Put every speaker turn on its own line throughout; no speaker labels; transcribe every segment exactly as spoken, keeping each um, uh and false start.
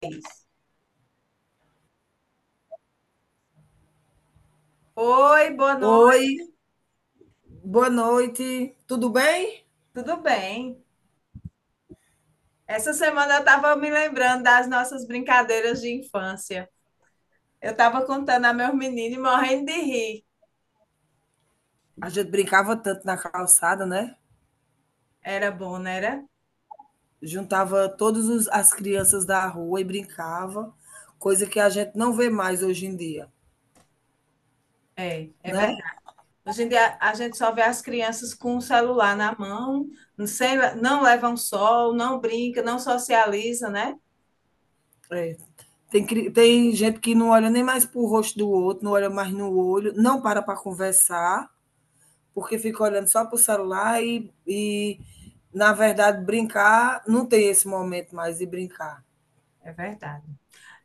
Vez. Oi, boa noite,
Oi, boa noite. Tudo bem?
tudo bem? Essa semana eu estava me lembrando das nossas brincadeiras de infância. Eu estava contando a meus meninos e morrendo de rir.
A gente brincava tanto na calçada, né?
Era bom, não era?
Juntava todas as crianças da rua e brincava, coisa que a gente não vê mais hoje em dia,
É, é
né?
verdade. Hoje em dia a gente só vê as crianças com o celular na mão, sem, não levam sol, não brinca, não socializa, né?
É. Tem, cri- tem gente que não olha nem mais para o rosto do outro, não olha mais no olho, não para para conversar, porque fica olhando só para o celular e, e, na verdade, brincar, não tem esse momento mais de brincar.
É verdade.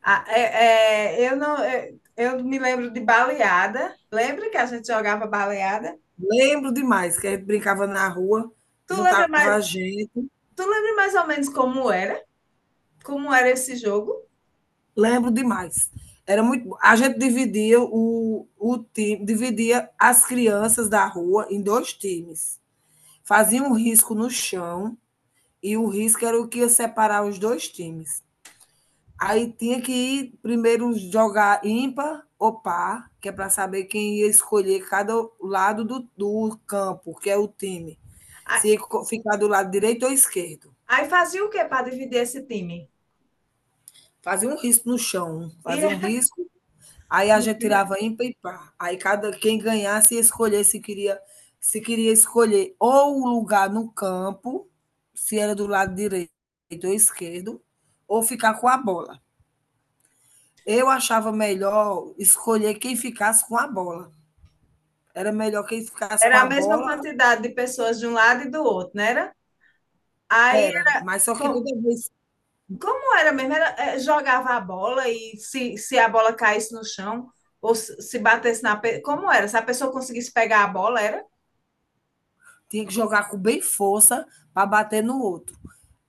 Ah, é- é, eu não, é, eu me lembro de baleada. Lembra que a gente jogava baleada?
Lembro demais, que a gente brincava na rua,
Tu lembra
juntava
mais,
a gente,
tu lembra mais ou menos como era? Como era esse jogo.
lembro demais. Era muito bom. A gente dividia o, o time, dividia as crianças da rua em dois times. Fazia um risco no chão e o risco era o que ia separar os dois times. Aí tinha que ir primeiro jogar ímpar ou par, que é para saber quem ia escolher cada lado do, do campo, que é o time. Se ia ficar do lado direito ou esquerdo.
Aí fazia o que para dividir esse time?
Fazia um risco no chão, fazia um
E
risco, aí a gente tirava ímpar e par. Aí cada quem ganhasse ia escolher se queria se queria escolher ou o lugar no campo, se era do lado direito ou esquerdo, ou ficar com a bola. Eu achava melhor escolher quem ficasse com a bola. Era melhor quem ficasse com
era a
a
mesma
bola,
quantidade de pessoas de um lado e do outro, não era? Aí,
era, mas só que
com-
toda vez
como era mesmo? Era, eh, jogava a bola e se, se a bola caísse no chão ou se, se batesse na... pe- Como era? Se a pessoa conseguisse pegar a bola, era?
tinha que jogar com bem força para bater no outro.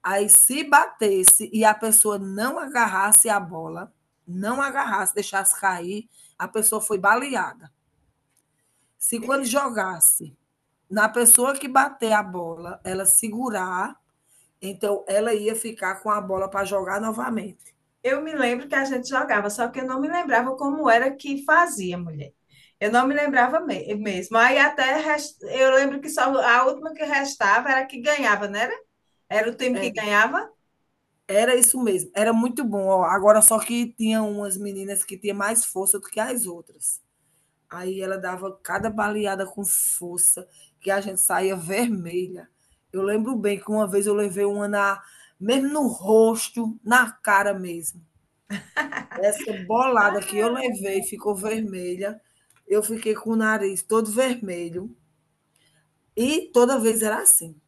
Aí, se batesse e a pessoa não agarrasse a bola, não agarrasse, deixasse cair, a pessoa foi baleada. Se quando jogasse na pessoa que bater a bola, ela segurar, então ela ia ficar com a bola para jogar novamente.
Eu me lembro que a gente jogava, só que eu não me lembrava como era que fazia, mulher. Eu não me lembrava me- mesmo. Aí até res- eu lembro que só a última que restava era a que ganhava, não era? Era o time que
Era,
ganhava?
era isso mesmo, era muito bom. Ó, agora só que tinha umas meninas que tinha mais força do que as outras. Aí ela dava cada baleada com força, que a gente saía vermelha. Eu lembro bem que uma vez eu levei uma na, mesmo no rosto, na cara mesmo. Essa bolada que eu
Ai, meu
levei
Deus.
ficou vermelha. Eu fiquei com o nariz todo vermelho. E toda vez era assim.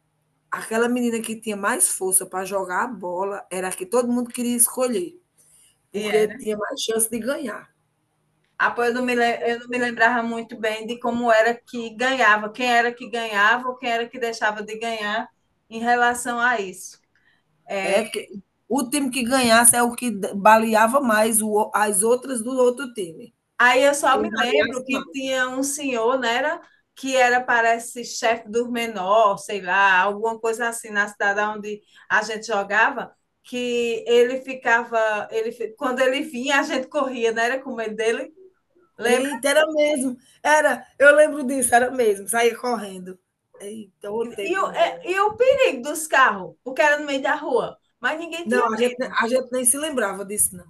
Aquela menina que tinha mais força para jogar a bola era a que todo mundo queria escolher,
E
porque
era.
tinha mais chance de ganhar.
Ah, pô, eu não me, le- eu não me lembrava muito bem de como era que ganhava, quem era que ganhava ou quem era que deixava de ganhar em relação a isso. É,
É que o time que ganhasse é o que d- baleava mais o- as outras do outro time.
aí eu só
Quem
me lembro
baleasse
que
mais.
tinha um senhor, né, era, que era, parece, chefe dos menores, sei lá, alguma coisa assim, na cidade onde a gente jogava, que ele ficava, ele, fi- quando ele vinha, a gente corria, né, era com medo dele, lembra?
Eita, era mesmo. Era, eu lembro disso, era mesmo, saía correndo. Eita, o
E, o,
tempo
é-
bom.
e o perigo dos carros, porque era no meio da rua, mas ninguém tinha.
Não, a gente, ne- a gente nem se lembrava disso, não.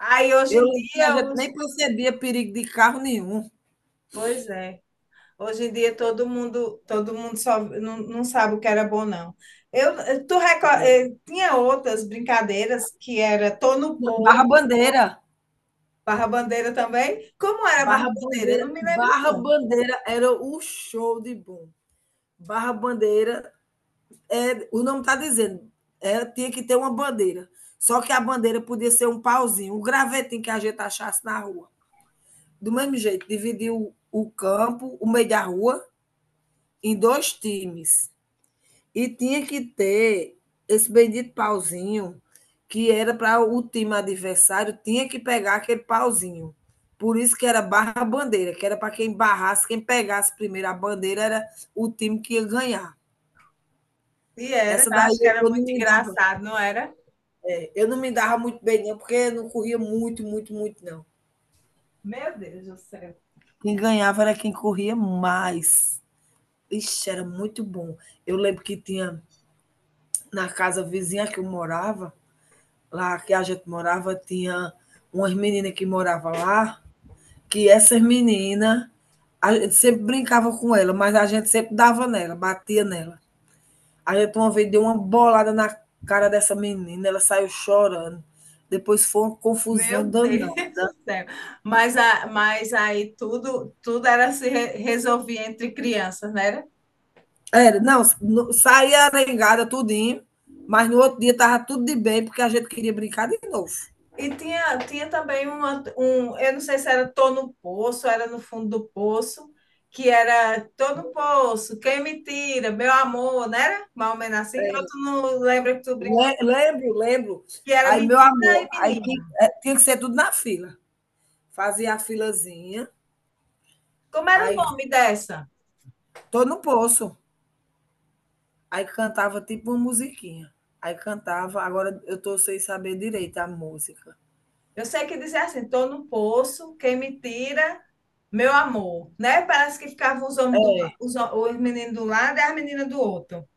Aí hoje
Eu
em
lembro que a
dia,
gente
os...
nem percebia perigo de carro nenhum.
pois é. Hoje em dia todo mundo, todo mundo só não, não sabe o que era bom, não. Eu, eh, tu reco-
É.
eh, tinha outras brincadeiras que era tô no pô,
Barra Bandeira.
barra bandeira também. Como era barra
Barra
bandeira?
Bandeira,
Eu não me lembro
Barra
não.
Bandeira era o show de bom. Barra Bandeira, é, o nome está dizendo, é, tinha que ter uma bandeira. Só que a bandeira podia ser um pauzinho, um gravetinho que a gente achasse na rua. Do mesmo jeito, dividiu o campo, o meio da rua, em dois times. E tinha que ter esse bendito pauzinho, que era para o time adversário, tinha que pegar aquele pauzinho. Por isso que era barra bandeira, que era para quem barrasse, quem pegasse primeiro a bandeira era o time que ia ganhar.
E era,
Essa daí
acho que era
eu não
muito
me dava
engraçado, não era?
Eu não me dava muito bem, não, porque eu não corria muito, muito, muito, não.
Meu Deus do céu.
Quem ganhava era quem corria mais. Ixi, era muito bom. Eu lembro que tinha na casa vizinha que eu morava, lá que a gente morava, tinha umas meninas que moravam lá, que essas meninas, a gente sempre brincava com ela, mas a gente sempre dava nela, batia nela. A gente uma vez deu uma bolada na cara dessa menina, ela saiu chorando. Depois foi uma
Meu
confusão danada.
Deus do céu. Mas, a, mas aí tudo, tudo era se re- resolvia entre crianças, né?
Era, não, saía arengada tudinho, mas no outro dia estava tudo de bem, porque a gente queria brincar de novo.
E tinha, tinha também uma, um, eu não sei se era Tô no Poço, era no fundo do poço, que era Tô no Poço, quem me tira, meu amor, não era? Mais ou menos assim. Eu
Era.
tu não lembra que tu brincou,
Lembro, lembro.
que era
Aí, meu
menina e
amor, aí
menino.
é, tinha que ser tudo na fila. Fazia a filazinha,
Como era o
aí
nome dessa?
tô no poço. Aí cantava tipo uma musiquinha. Aí cantava, agora eu tô sem saber direito a música.
Eu sei que dizia assim, Tô no Poço, quem me tira, meu amor, né? Parece que ficavam os homens do, la-
É,
os, ho- os meninos do lado e as meninas do outro.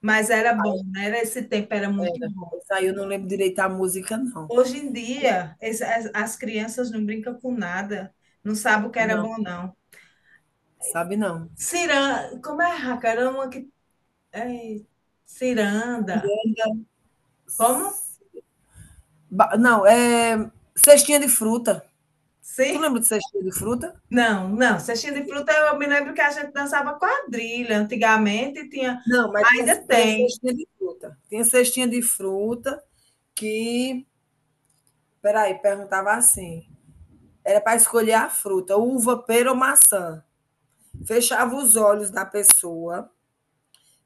Mas era bom, né? Era- Esse tempo era muito
era.
bom.
Essa aí eu não lembro direito a música, não.
Hoje em dia, es- as, as crianças não brincam com nada, não sabem o que era
Não,
bom, não.
sabe não.
Ciranda, como é, Racarama? Que, é, ciranda. Como?
Não, é cestinha de fruta. Tu
Sim?
lembra de cestinha de fruta?
Não, não. Cestinha de fruta, eu me lembro que a gente dançava quadrilha antigamente, tinha,
Não, mas tinha
ainda
tinha
tem.
cestinha de fruta. Tinha cestinha de fruta que peraí, perguntava assim, era para escolher a fruta, uva, pera ou maçã. Fechava os olhos da pessoa,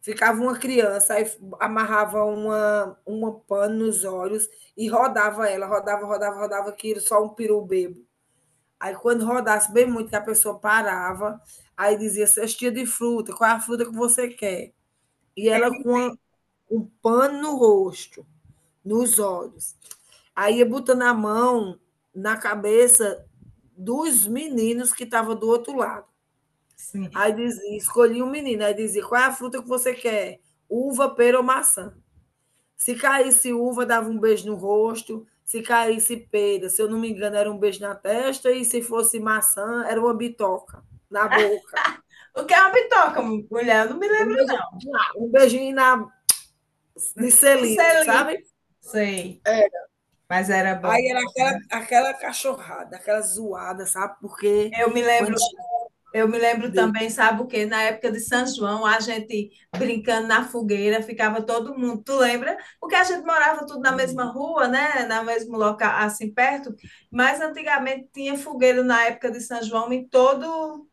ficava uma criança, aí amarrava uma uma pano nos olhos e rodava ela, rodava, rodava, rodava, aquilo, só um peru bêbado. Aí quando rodasse bem muito, que a pessoa parava, aí dizia: "Cestinha de fruta, qual é a fruta que você quer?". E ela com a
Ti-
um pano no rosto, nos olhos. Aí ia botando a mão na cabeça dos meninos que estavam do outro lado.
Sim.
Aí dizia, escolhi um menino, aí dizia, qual é a fruta que você quer? Uva, pera ou maçã? Se caísse uva, dava um beijo no rosto. Se caísse pera, se eu não me engano, era um beijo na testa. E se fosse maçã, era uma bitoca na boca.
O que é uma bitoca, mulher? Eu não me
Um
lembro.
beijinho, um beijinho na, de
Um
selinho,
selim.
sabe?
Sei, mas era
Aí
bom.
era aquela,
Era.
aquela cachorrada, aquela zoada, sabe? Porque
Eu me
quando
lembro. Eu me lembro
de,
também, sabe o quê? Na época de São João, a gente brincando na fogueira, ficava todo mundo, tu lembra? Porque a gente morava tudo na mesma rua, né? Na mesmo local, assim, perto. Mas antigamente tinha fogueira na época de São João em todo,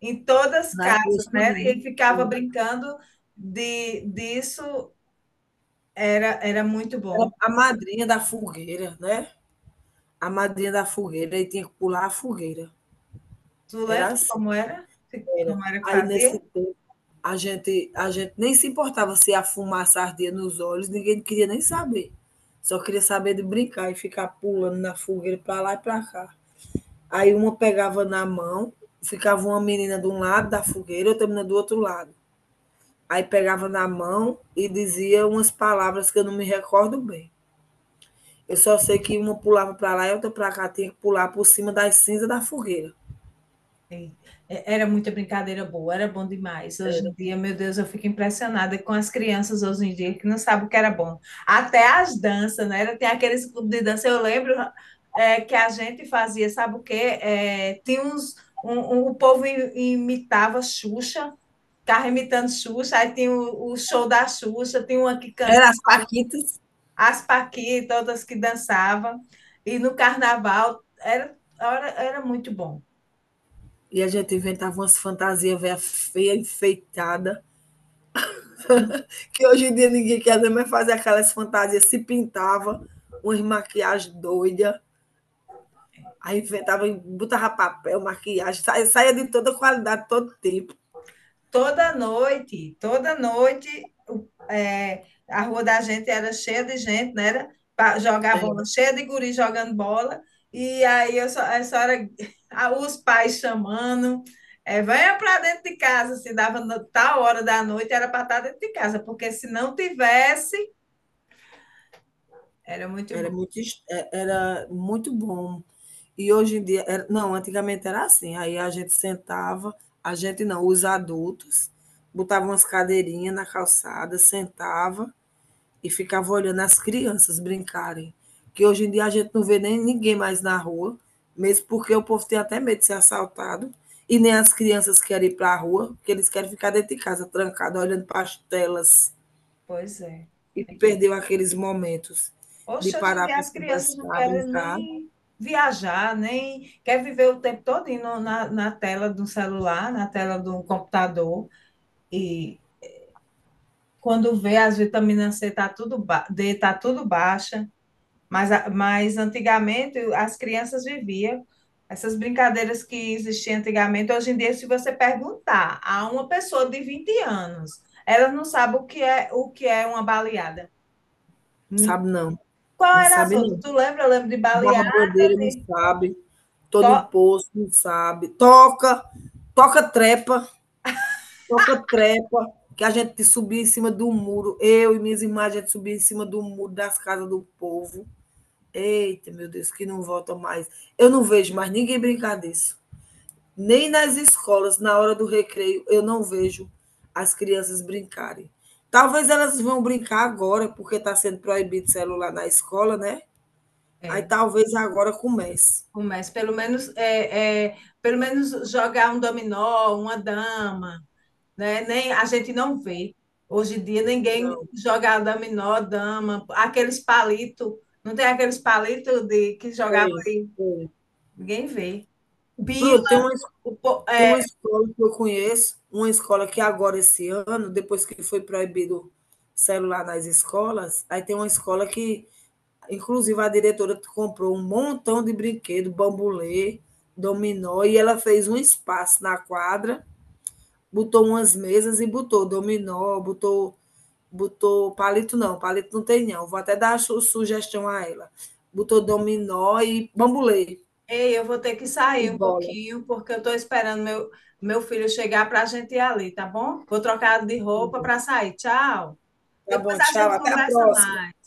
em todas as
nas
casas,
ruas
né?
tudinho,
E ficava brincando de, disso, era, era muito
era
bom.
a madrinha da fogueira, né? A madrinha da fogueira, e tinha que pular a fogueira.
Tu lembra
Era assim,
como era?
era.
Como era que
Aí nesse
fazia?
tempo a gente, a gente nem se importava se a fumaça ardia nos olhos, ninguém queria nem saber. Só queria saber de brincar e ficar pulando na fogueira para lá e para cá. Aí uma pegava na mão, ficava uma menina de um lado da fogueira, outra menina do outro lado. Aí pegava na mão e dizia umas palavras que eu não me recordo bem. Eu só sei que uma pulava para lá e outra para cá, tinha que pular por cima das cinzas da fogueira.
E- é- Era muita brincadeira boa, era bom demais. Hoje
Era,
em dia, meu Deus, eu fico impressionada com as crianças hoje em dia que não sabem o que era bom. Até as danças, né? Era- Tem aqueles clubes de dança, eu lembro é, que a gente fazia, sabe o quê? É, tinha uns, um, um- o povo i- imitava Xuxa, ficava imitando Xuxa, aí tinha o, o show da Xuxa, tinha uma que cantava,
era as paquitas.
as Paquitas, outras que dançavam. E no carnaval, era, era, era muito bom.
E a gente inventava umas fantasias velha feia, enfeitada, que hoje em dia ninguém quer mais fazer aquelas fantasias, se pintava, umas maquiagens doidas. Aí inventava, botava papel, maquiagem, saía saía de toda qualidade, todo tempo.
Toda noite, toda noite, o- é, a rua da gente era cheia de gente, né? Era para jogar
É,
bola, cheia de guri jogando bola. E aí eu só, eu só era a- os pais chamando, é, venha para dentro de casa, se dava no- tal hora da noite, era para estar dentro de casa, porque se não tivesse, era muito
era
bom.
muito es é era muito bom. E hoje em dia era não, antigamente era assim, aí a gente sentava, a gente não, os adultos, botavam umas cadeirinhas na calçada, sentava e ficava olhando as crianças brincarem. Que hoje em dia a gente não vê nem ninguém mais na rua, mesmo porque o povo tem até medo de ser assaltado. E nem as crianças querem ir para a rua, porque eles querem ficar dentro de casa, trancado, olhando para as telas.
Pois é.
E perdeu aqueles momentos de
Hoje, hoje em
parar
dia
para
as crianças não
conversar,
querem
brincar.
nem viajar, nem quer viver o tempo todo na, na tela do celular, na tela do computador. E quando vê, as vitaminas C tá tudo ba- D tá tudo baixa, mas, a- mas antigamente as crianças viviam essas brincadeiras que existiam antigamente. Hoje em dia, se você perguntar a uma pessoa de vinte anos, ela não sabe o que é o que é uma baleada. Hum,
Sabe não,
Qual
não
era as
sabe
outras?
não.
Tu lembra? Eu lembro de
Barra
baleada,
bandeira não
de
sabe, tô no
to-
posto não sabe. Toca, toca trepa, toca-trepa, que a gente subia em cima do muro. Eu e minhas irmãs, a gente subia em cima do muro das casas do povo. Eita, meu Deus, que não volta mais. Eu não vejo mais ninguém brincar disso. Nem nas escolas, na hora do recreio, eu não vejo as crianças brincarem. Talvez elas vão brincar agora, porque está sendo proibido celular na escola, né? Aí
É,
talvez agora comece.
começo, pelo menos, é, é, pelo menos jogar um dominó, uma dama, né? Nem, a gente não vê. Hoje em dia ninguém
Não,
joga dominó, dama, aqueles palitos, não tem aqueles palitos de que jogava
tem,
aí,
tem.
ninguém vê. Bilo,
Pronto, tem uma
o po-
tem uma
é,
escola que eu conheço, uma escola que é agora, esse ano, depois que foi proibido celular nas escolas, aí tem uma escola que, inclusive, a diretora comprou um montão de brinquedo, bambolê, dominó, e ela fez um espaço na quadra, botou umas mesas e botou dominó, botou, botou palito não, palito não tem não, vou até dar su- sugestão a ela. Botou dominó e bambolê
ei, eu vou ter que
e
sair um
bola.
pouquinho, porque eu estou esperando meu, meu filho chegar para a gente ir ali, tá bom? Vou trocar de roupa para sair. Tchau.
Tá
Depois
bom,
a
tchau,
gente
até a
conversa
próxima.
mais.